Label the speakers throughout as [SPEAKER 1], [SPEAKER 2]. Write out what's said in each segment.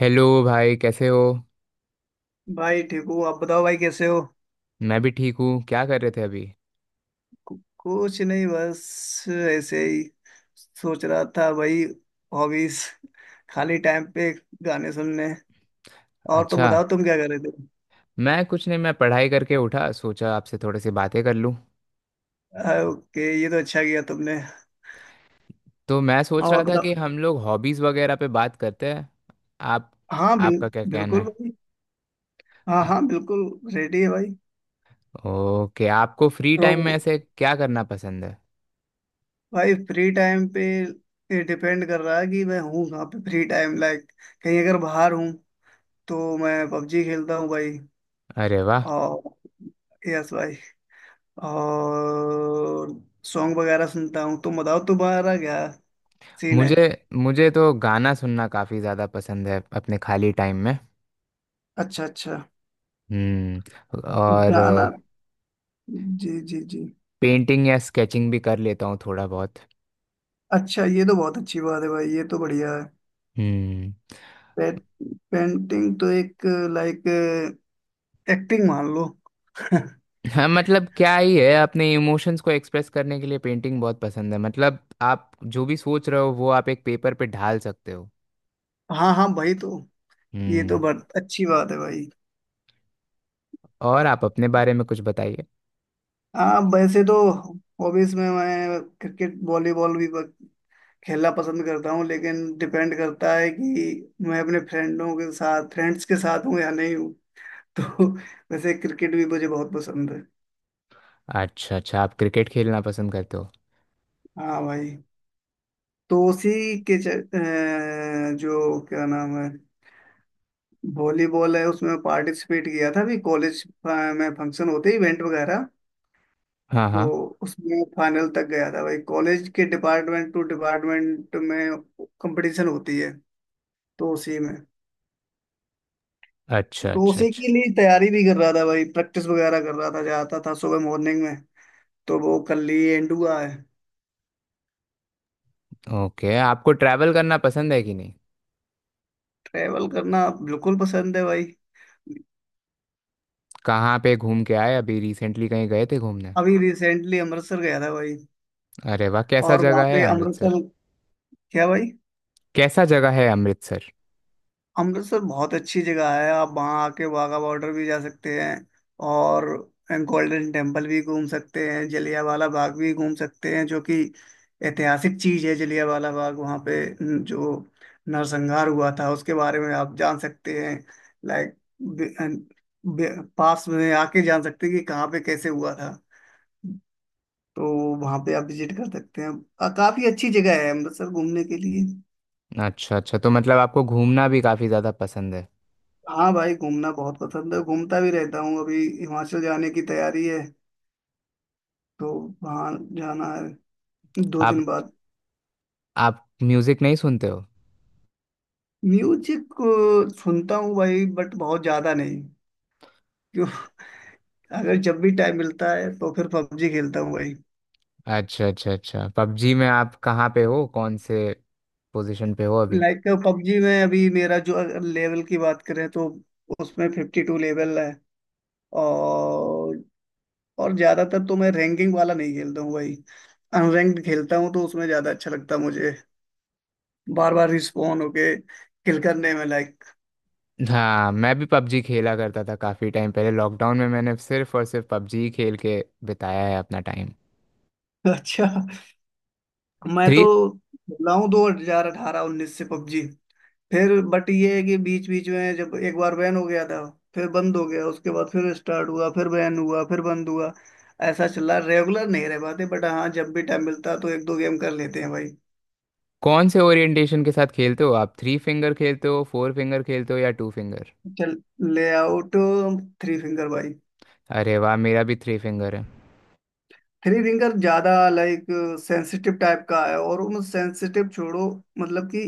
[SPEAKER 1] Hello भाई, कैसे हो?
[SPEAKER 2] भाई ठीक हूँ। आप बताओ भाई, कैसे हो?
[SPEAKER 1] मैं भी ठीक हूँ। क्या कर रहे थे अभी?
[SPEAKER 2] कुछ नहीं, बस ऐसे ही सोच रहा था भाई। हॉबीज, खाली टाइम पे गाने सुनने। और तुम
[SPEAKER 1] अच्छा।
[SPEAKER 2] बताओ, तुम क्या कर रहे थे?
[SPEAKER 1] मैं कुछ नहीं, मैं पढ़ाई करके उठा, सोचा आपसे थोड़ी सी बातें कर लूँ।
[SPEAKER 2] ओके, ये तो अच्छा किया तुमने।
[SPEAKER 1] तो मैं सोच
[SPEAKER 2] और
[SPEAKER 1] रहा था
[SPEAKER 2] बताओ।
[SPEAKER 1] कि हम लोग हॉबीज़ वगैरह पे बात करते हैं। आप?
[SPEAKER 2] हाँ,
[SPEAKER 1] आपका क्या कहना
[SPEAKER 2] बिल्कुल
[SPEAKER 1] है?
[SPEAKER 2] भाई। हाँ हाँ, बिल्कुल। रेडी है भाई।
[SPEAKER 1] ओके, आपको फ्री टाइम में
[SPEAKER 2] तो
[SPEAKER 1] ऐसे क्या करना पसंद है?
[SPEAKER 2] भाई, फ्री टाइम पे ये डिपेंड कर रहा है कि मैं हूँ कहाँ पे। फ्री टाइम लाइक, कहीं अगर बाहर हूँ तो मैं पबजी खेलता हूँ भाई।
[SPEAKER 1] अरे वाह!
[SPEAKER 2] और यस भाई, और सॉन्ग वगैरह सुनता हूँ। तुम बताओ, तुम्हारा क्या सीन है?
[SPEAKER 1] मुझे मुझे तो गाना सुनना काफ़ी ज़्यादा पसंद है अपने खाली टाइम में।
[SPEAKER 2] अच्छा अच्छा।
[SPEAKER 1] हम्म। और
[SPEAKER 2] गाना। जी जी जी।
[SPEAKER 1] पेंटिंग या स्केचिंग भी कर लेता हूँ थोड़ा बहुत।
[SPEAKER 2] अच्छा, ये तो बहुत अच्छी बात है भाई। ये तो बढ़िया है।
[SPEAKER 1] हम्म।
[SPEAKER 2] पे, पेंटिंग तो एक, लाइक, एक्टिंग मान लो।
[SPEAKER 1] हाँ, मतलब क्या ही है, अपने इमोशंस को एक्सप्रेस करने के लिए पेंटिंग बहुत पसंद है, मतलब आप जो भी सोच रहे हो वो आप एक पेपर पे ढाल सकते हो।
[SPEAKER 2] हाँ हाँ भाई, तो ये तो
[SPEAKER 1] हम्म।
[SPEAKER 2] बहुत अच्छी बात है भाई।
[SPEAKER 1] और आप अपने बारे में कुछ बताइए?
[SPEAKER 2] हाँ, वैसे तो हॉबीज में मैं क्रिकेट, वॉलीबॉल भी खेलना पसंद करता हूँ, लेकिन डिपेंड करता है कि मैं अपने फ्रेंडों के साथ फ्रेंड्स के साथ हूँ या नहीं हूँ। तो वैसे क्रिकेट भी मुझे बहुत पसंद है।
[SPEAKER 1] अच्छा अच्छा। आप क्रिकेट खेलना पसंद करते हो?
[SPEAKER 2] हाँ भाई, तो उसी जो क्या नाम है, वॉलीबॉल है, उसमें पार्टिसिपेट किया था भी। कॉलेज में फंक्शन होते, इवेंट वगैरह,
[SPEAKER 1] हाँ
[SPEAKER 2] तो
[SPEAKER 1] हाँ।
[SPEAKER 2] उसमें फाइनल तक गया था भाई। कॉलेज के डिपार्टमेंट टू डिपार्टमेंट में कंपटीशन होती है, तो उसी में।
[SPEAKER 1] अच्छा
[SPEAKER 2] तो
[SPEAKER 1] अच्छा
[SPEAKER 2] उसी
[SPEAKER 1] अच्छा।
[SPEAKER 2] के लिए तैयारी भी कर रहा था भाई, प्रैक्टिस वगैरह कर रहा था, जाता था सुबह मॉर्निंग में। तो वो कल ही एंड हुआ है।
[SPEAKER 1] ओके, आपको ट्रैवल करना पसंद है कि नहीं?
[SPEAKER 2] ट्रैवल करना बिल्कुल पसंद है भाई।
[SPEAKER 1] कहाँ पे घूम के आए? अभी रिसेंटली कहीं गए थे घूमने?
[SPEAKER 2] अभी रिसेंटली अमृतसर गया था भाई।
[SPEAKER 1] अरे वाह! कैसा
[SPEAKER 2] और वहाँ
[SPEAKER 1] जगह है
[SPEAKER 2] पे
[SPEAKER 1] अमृतसर?
[SPEAKER 2] अमृतसर, क्या भाई?
[SPEAKER 1] कैसा जगह है अमृतसर?
[SPEAKER 2] अमृतसर बहुत अच्छी जगह है। आप वहाँ आके वाघा बॉर्डर भी जा सकते हैं, और गोल्डन टेम्पल भी घूम सकते हैं, जलियांवाला बाग भी घूम सकते हैं, जो कि ऐतिहासिक चीज है। जलियांवाला बाग वहाँ पे जो नरसंहार हुआ था, उसके बारे में आप जान सकते हैं। लाइक, पास में आके जान सकते हैं कि कहाँ पे कैसे हुआ था। तो वहाँ पे आप विजिट कर सकते हैं। काफी अच्छी जगह है अमृतसर घूमने के लिए।
[SPEAKER 1] अच्छा अच्छा, तो मतलब आपको घूमना भी काफ़ी ज़्यादा पसंद है।
[SPEAKER 2] हाँ भाई, घूमना बहुत पसंद है, घूमता भी रहता हूँ। अभी हिमाचल जाने की तैयारी है, तो वहाँ जाना है 2 दिन
[SPEAKER 1] आप
[SPEAKER 2] बाद।
[SPEAKER 1] आप म्यूज़िक नहीं सुनते हो?
[SPEAKER 2] म्यूजिक सुनता हूँ भाई, बट बहुत ज्यादा नहीं। क्यों? अगर जब भी टाइम मिलता है तो फिर पबजी खेलता हूँ भाई।
[SPEAKER 1] अच्छा अच्छा अच्छा। पबजी में आप कहाँ पे हो? कौन से पोजीशन पे हो अभी?
[SPEAKER 2] लाइक, पबजी में अभी मेरा जो लेवल की बात करें तो उसमें 52 लेवल है। और और ज्यादातर तो मैं रैंकिंग वाला नहीं खेलता हूँ भाई, अनरैंक्ड खेलता हूँ, तो उसमें ज्यादा अच्छा लगता है मुझे, बार बार रिस्पॉन होके किल करने में। लाइक,
[SPEAKER 1] हाँ, मैं भी पबजी खेला करता था काफ़ी टाइम पहले। लॉकडाउन में मैंने सिर्फ और सिर्फ पबजी खेल के बिताया है अपना टाइम।
[SPEAKER 2] अच्छा। मैं तो
[SPEAKER 1] थ्री
[SPEAKER 2] लाऊं 2018-19 से पबजी, फिर, बट ये है कि बीच बीच में जब एक बार बैन हो गया था, फिर बंद हो गया, उसके बाद फिर स्टार्ट हुआ, फिर बैन हुआ, फिर बंद हुआ। ऐसा चला, रेगुलर नहीं रह पाते, बट हाँ, जब भी टाइम मिलता तो 1-2 गेम कर लेते हैं भाई।
[SPEAKER 1] कौन से ओरिएंटेशन के साथ खेलते हो आप? थ्री फिंगर खेलते हो, फोर फिंगर खेलते हो या टू फिंगर?
[SPEAKER 2] चल, ले आउट थ्री फिंगर भाई।
[SPEAKER 1] अरे वाह, मेरा भी थ्री फिंगर है।
[SPEAKER 2] थ्री रिंगर ज्यादा, लाइक, सेंसिटिव टाइप का है, और उन सेंसिटिव छोड़ो। मतलब कि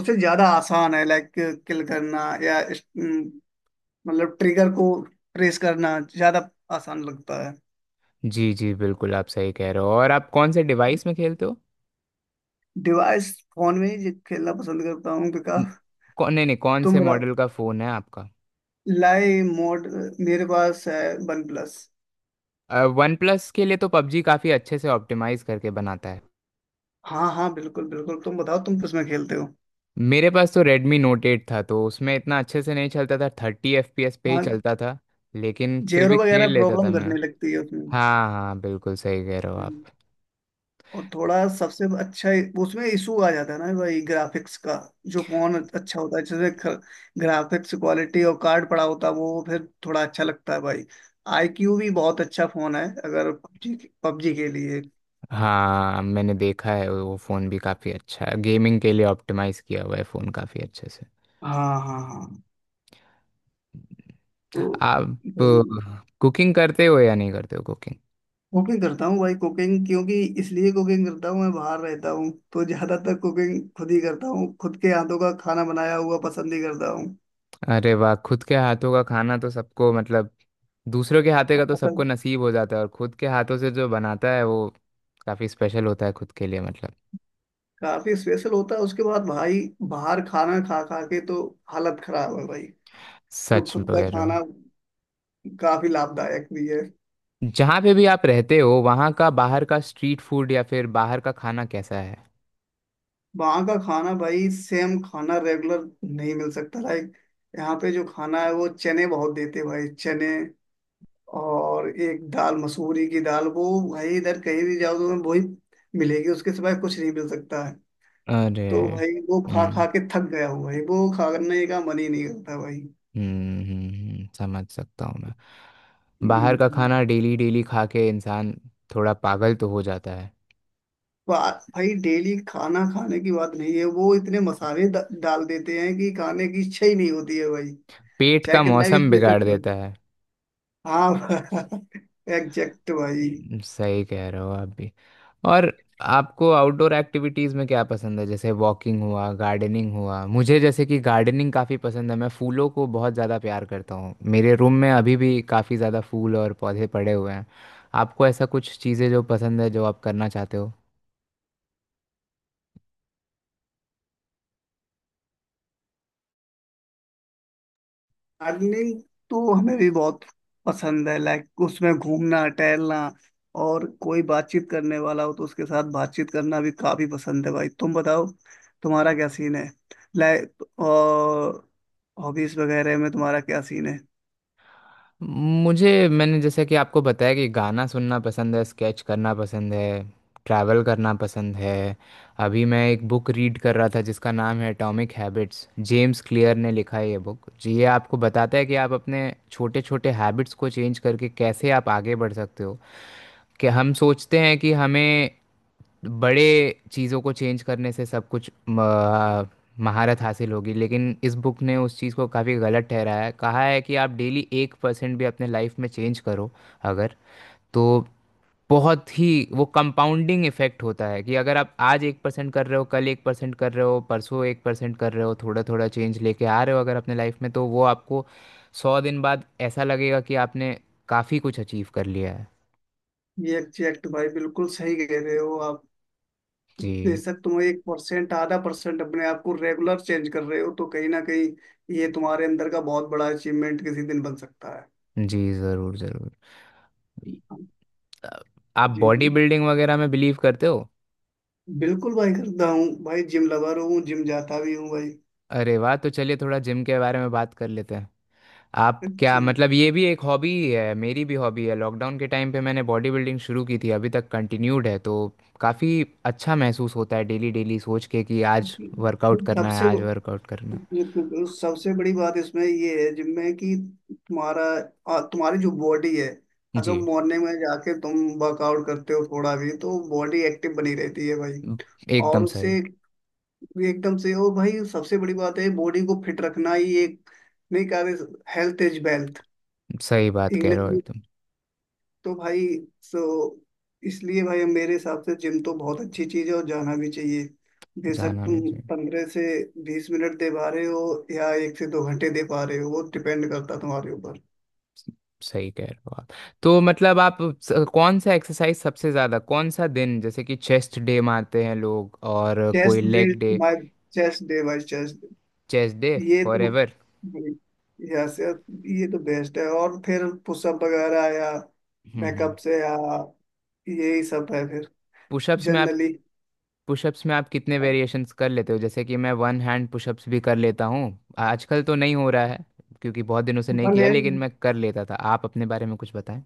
[SPEAKER 2] उसे ज्यादा आसान है, लाइक, किल करना या मतलब ट्रिगर को ट्रेस करना ज्यादा आसान लगता है।
[SPEAKER 1] जी जी बिल्कुल, आप सही कह रहे हो। और आप कौन से डिवाइस में खेलते हो?
[SPEAKER 2] डिवाइस फोन में ही खेलना पसंद करता हूँ,
[SPEAKER 1] न-
[SPEAKER 2] बिकॉज,
[SPEAKER 1] कौन नहीं नहीं, कौन
[SPEAKER 2] तुम,
[SPEAKER 1] से मॉडल का फ़ोन है आपका?
[SPEAKER 2] लाई मोड मेरे पास है वन प्लस।
[SPEAKER 1] वन प्लस के लिए तो पबजी काफ़ी अच्छे से ऑप्टिमाइज करके बनाता है।
[SPEAKER 2] हाँ हाँ, बिल्कुल बिल्कुल। तुम बताओ, तुम किसमें खेलते हो?
[SPEAKER 1] मेरे पास तो Redmi Note 8 था, तो उसमें इतना अच्छे से नहीं चलता था, 30 fps पे ही
[SPEAKER 2] हाँ,
[SPEAKER 1] चलता था। लेकिन फिर
[SPEAKER 2] जेरो
[SPEAKER 1] भी खेल
[SPEAKER 2] वगैरह
[SPEAKER 1] लेता था
[SPEAKER 2] प्रॉब्लम
[SPEAKER 1] मैं।
[SPEAKER 2] करने लगती है उसमें।
[SPEAKER 1] हाँ हाँ बिल्कुल, सही कह रहे हो आप।
[SPEAKER 2] और थोड़ा सबसे अच्छा, उसमें इशू आ जाता है ना भाई, ग्राफिक्स का। जो कौन अच्छा होता है, जैसे ग्राफिक्स क्वालिटी और कार्ड पड़ा होता है, वो फिर थोड़ा अच्छा लगता है भाई। आईक्यू भी बहुत अच्छा फोन है, अगर पबजी पबजी के लिए।
[SPEAKER 1] हाँ, मैंने देखा है वो फ़ोन भी काफ़ी अच्छा है, गेमिंग के लिए ऑप्टिमाइज किया हुआ है फ़ोन काफ़ी अच्छे से।
[SPEAKER 2] हाँ हाँ हाँ। तो
[SPEAKER 1] आप
[SPEAKER 2] भाई
[SPEAKER 1] कुकिंग करते हो या नहीं करते हो कुकिंग?
[SPEAKER 2] कुकिंग करता हूँ भाई। कुकिंग क्योंकि, इसलिए कुकिंग करता हूँ, मैं बाहर रहता हूँ तो ज्यादातर कुकिंग खुद ही करता हूँ। खुद के हाथों का खाना बनाया हुआ पसंद ही करता
[SPEAKER 1] अरे वाह, खुद के हाथों का खाना तो सबको, मतलब दूसरों के हाथों का तो सबको
[SPEAKER 2] हूँ।
[SPEAKER 1] नसीब हो जाता है, और खुद के हाथों से जो बनाता है वो काफ़ी स्पेशल होता है खुद के लिए, मतलब।
[SPEAKER 2] काफी स्पेशल होता है उसके बाद भाई। बाहर खाना खा खा के तो हालत खराब है भाई। तो
[SPEAKER 1] सच
[SPEAKER 2] खुद
[SPEAKER 1] बोल
[SPEAKER 2] का
[SPEAKER 1] रहे हो।
[SPEAKER 2] खाना काफी लाभदायक भी है।
[SPEAKER 1] जहाँ पे भी आप रहते हो, वहाँ का बाहर का स्ट्रीट फूड या फिर बाहर का खाना कैसा है?
[SPEAKER 2] वहाँ का खाना भाई, सेम खाना रेगुलर नहीं मिल सकता। लाइक, यहाँ पे जो खाना है, वो चने बहुत देते भाई, चने। और एक दाल, मसूरी की दाल, वो भाई इधर कहीं भी जाओ तो वही मिलेगी, उसके सिवाय कुछ नहीं मिल सकता है।
[SPEAKER 1] अरे।
[SPEAKER 2] तो भाई वो खा खा
[SPEAKER 1] हम्म
[SPEAKER 2] के थक गया हूँ भाई, वो खाने का मन ही नहीं करता भाई।
[SPEAKER 1] समझ सकता हूँ मैं। बाहर का
[SPEAKER 2] हम्म
[SPEAKER 1] खाना डेली डेली खा के इंसान थोड़ा पागल तो हो जाता है।
[SPEAKER 2] बात भाई, डेली खाना खाने की बात नहीं है, वो इतने मसाले डाल देते हैं कि खाने की इच्छा ही नहीं होती है भाई।
[SPEAKER 1] पेट
[SPEAKER 2] चाहे
[SPEAKER 1] का
[SPEAKER 2] कितना भी
[SPEAKER 1] मौसम बिगाड़
[SPEAKER 2] स्पेशल
[SPEAKER 1] देता है।
[SPEAKER 2] खाओ। हाँ, एग्जैक्ट भाई।
[SPEAKER 1] सही कह रहे हो आप भी। और आपको आउटडोर एक्टिविटीज़ में क्या पसंद है, जैसे वॉकिंग हुआ, गार्डनिंग हुआ? मुझे जैसे कि गार्डनिंग काफ़ी पसंद है, मैं फूलों को बहुत ज़्यादा प्यार करता हूँ, मेरे रूम में अभी भी काफ़ी ज़्यादा फूल और पौधे पड़े हुए हैं। आपको ऐसा कुछ चीज़ें जो पसंद है जो आप करना चाहते हो?
[SPEAKER 2] गार्डनिंग तो हमें भी बहुत पसंद है। लाइक, उसमें घूमना टहलना, और कोई बातचीत करने वाला हो तो उसके साथ बातचीत करना भी काफी पसंद है भाई। तुम बताओ, तुम्हारा क्या सीन है? लाइक, और हॉबीज वगैरह में तुम्हारा क्या सीन है?
[SPEAKER 1] मुझे, मैंने जैसे कि आपको बताया कि गाना सुनना पसंद है, स्केच करना पसंद है, ट्रैवल करना पसंद है। अभी मैं एक बुक रीड कर रहा था, जिसका नाम है एटॉमिक हैबिट्स, जेम्स क्लियर ने लिखा है ये बुक जी। ये आपको बताता है कि आप अपने छोटे छोटे हैबिट्स को चेंज करके कैसे आप आगे बढ़ सकते हो। कि हम सोचते हैं कि हमें बड़े चीज़ों को चेंज करने से सब कुछ महारत हासिल होगी, लेकिन इस बुक ने उस चीज़ को काफ़ी गलत ठहराया है, कहा है कि आप डेली 1% भी अपने लाइफ में चेंज करो अगर, तो बहुत ही, वो कंपाउंडिंग इफेक्ट होता है कि अगर आप आज 1% कर रहे हो, कल 1% कर रहे हो, परसों 1% कर रहे हो, थोड़ा थोड़ा चेंज लेके आ रहे हो अगर अपने लाइफ में, तो वो आपको 100 दिन बाद ऐसा लगेगा कि आपने काफ़ी कुछ अचीव कर लिया है।
[SPEAKER 2] ये एग्जैक्ट भाई, बिल्कुल सही कह रहे हो आप।
[SPEAKER 1] जी
[SPEAKER 2] बेशक तुम 1%, 0.5% अपने आप को रेगुलर चेंज कर रहे हो, तो कहीं ना कहीं ये तुम्हारे अंदर का बहुत बड़ा अचीवमेंट किसी दिन बन सकता है।
[SPEAKER 1] जी ज़रूर ज़रूर। आप
[SPEAKER 2] जी
[SPEAKER 1] बॉडी
[SPEAKER 2] जी,
[SPEAKER 1] बिल्डिंग वगैरह में बिलीव करते हो?
[SPEAKER 2] बिल्कुल भाई, करता हूँ भाई। जिम लवर हूँ, जिम जाता भी हूँ भाई।
[SPEAKER 1] अरे वाह, तो चलिए थोड़ा जिम के बारे में बात कर लेते हैं। आप क्या,
[SPEAKER 2] जी,
[SPEAKER 1] मतलब ये भी एक हॉबी ही है, मेरी भी हॉबी है। लॉकडाउन के टाइम पे मैंने बॉडी बिल्डिंग शुरू की थी, अभी तक कंटिन्यूड है, तो काफ़ी अच्छा महसूस होता है डेली डेली सोच के कि आज वर्कआउट करना है,
[SPEAKER 2] सबसे
[SPEAKER 1] आज
[SPEAKER 2] ब-
[SPEAKER 1] वर्कआउट करना
[SPEAKER 2] सबसे बड़ी बात इसमें ये है, जिम में, कि तुम्हारा तुम्हारी जो बॉडी है,
[SPEAKER 1] है।
[SPEAKER 2] अगर
[SPEAKER 1] जी
[SPEAKER 2] मॉर्निंग में जाके तुम वर्कआउट करते हो थोड़ा भी, तो बॉडी एक्टिव बनी रहती है भाई।
[SPEAKER 1] एकदम
[SPEAKER 2] और उससे,
[SPEAKER 1] सही।
[SPEAKER 2] ये एकदम से, और भाई सबसे बड़ी बात है बॉडी को फिट रखना ही। एक नहीं कहा, हेल्थ इज वेल्थ,
[SPEAKER 1] सही बात कह
[SPEAKER 2] इंग्लिश
[SPEAKER 1] रहे हो
[SPEAKER 2] में।
[SPEAKER 1] एकदम।
[SPEAKER 2] तो भाई सो, इसलिए भाई, मेरे हिसाब से जिम तो बहुत अच्छी चीज है और जाना भी चाहिए। बेशक
[SPEAKER 1] जाना भी
[SPEAKER 2] तुम
[SPEAKER 1] जी।
[SPEAKER 2] 15 से 20 मिनट दे पा रहे हो, या 1 से 2 घंटे दे पा रहे हो, वो डिपेंड करता है तुम्हारे ऊपर।
[SPEAKER 1] सही कह रहे हो आप। तो मतलब आप, कौन सा एक्सरसाइज सबसे ज़्यादा, कौन सा दिन, जैसे कि चेस्ट डे मारते हैं लोग और कोई
[SPEAKER 2] chest day
[SPEAKER 1] leg day?
[SPEAKER 2] By chest day by chest,
[SPEAKER 1] chest day
[SPEAKER 2] ये
[SPEAKER 1] फॉर।
[SPEAKER 2] तो, यस, ये तो बेस्ट है। और फिर पुशअप वगैरह, या
[SPEAKER 1] हम्म।
[SPEAKER 2] बैकअप से, या यही सब है फिर।
[SPEAKER 1] पुशअप्स में आप
[SPEAKER 2] जनरली
[SPEAKER 1] पुशअप्स में आप कितने वेरिएशंस कर लेते हो, जैसे कि मैं वन हैंड पुशअप्स भी कर लेता हूँ? आजकल तो नहीं हो रहा है क्योंकि बहुत दिनों से नहीं
[SPEAKER 2] वन
[SPEAKER 1] किया, लेकिन
[SPEAKER 2] हैंड,
[SPEAKER 1] मैं कर लेता था। आप अपने बारे में कुछ बताएं।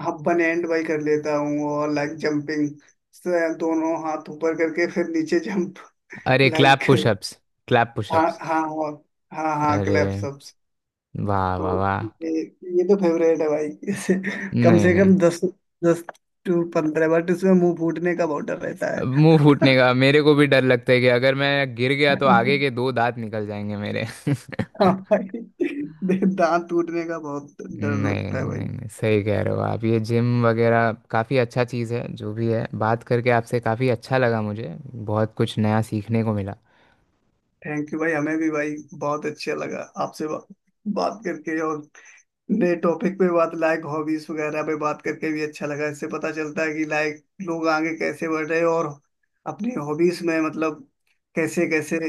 [SPEAKER 2] हाँ वन हैंड बाई कर लेता हूँ। और लाइक, जंपिंग, दोनों हाथ ऊपर करके फिर नीचे जंप,
[SPEAKER 1] अरे, क्लैप
[SPEAKER 2] लाइक।
[SPEAKER 1] पुशअप्स! क्लैप
[SPEAKER 2] हाँ
[SPEAKER 1] पुशअप्स।
[SPEAKER 2] हाँ, और हाँ हाँ,
[SPEAKER 1] अरे
[SPEAKER 2] क्लैप्स अप।
[SPEAKER 1] वाह
[SPEAKER 2] तो
[SPEAKER 1] वाह वाह!
[SPEAKER 2] ये ये तो फेवरेट है भाई। कम
[SPEAKER 1] नहीं
[SPEAKER 2] से
[SPEAKER 1] नहीं,
[SPEAKER 2] कम 10, 10 से 15, बट इसमें मुंह फूटने का बहुत डर रहता है।
[SPEAKER 1] मुंह फूटने का मेरे को भी डर लगता है कि अगर मैं गिर गया तो आगे के दो दांत निकल जाएंगे मेरे
[SPEAKER 2] हाँ भाई, दांत टूटने का बहुत डर लगता
[SPEAKER 1] नहीं
[SPEAKER 2] है भाई।
[SPEAKER 1] नहीं नहीं, सही कह रहे हो आप, ये जिम वगैरह काफ़ी अच्छा चीज़ है जो भी है। बात करके आपसे काफ़ी अच्छा लगा मुझे, बहुत कुछ नया सीखने को मिला।
[SPEAKER 2] थैंक यू भाई, हमें भी भाई बहुत अच्छा लगा आपसे बात करके। और नए टॉपिक पे बात, लाइक हॉबीज वगैरह पे बात करके भी अच्छा लगा। इससे पता चलता है कि लाइक लोग आगे कैसे बढ़ रहे हैं, और अपनी हॉबीज में मतलब कैसे कैसे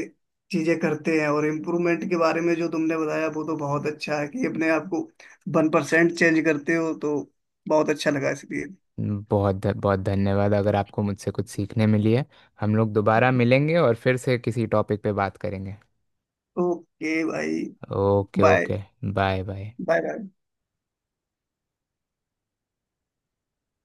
[SPEAKER 2] चीजें करते हैं। और इम्प्रूवमेंट के बारे में जो तुमने बताया वो तो बहुत अच्छा है, कि अपने आप को 1% चेंज करते हो तो बहुत अच्छा लगा इसलिए।
[SPEAKER 1] बहुत धन्यवाद, अगर आपको मुझसे कुछ सीखने मिली है। हम लोग दोबारा मिलेंगे और फिर से किसी टॉपिक पे बात करेंगे।
[SPEAKER 2] ओके भाई,
[SPEAKER 1] okay
[SPEAKER 2] bye
[SPEAKER 1] okay. Bye bye.
[SPEAKER 2] Bye bye.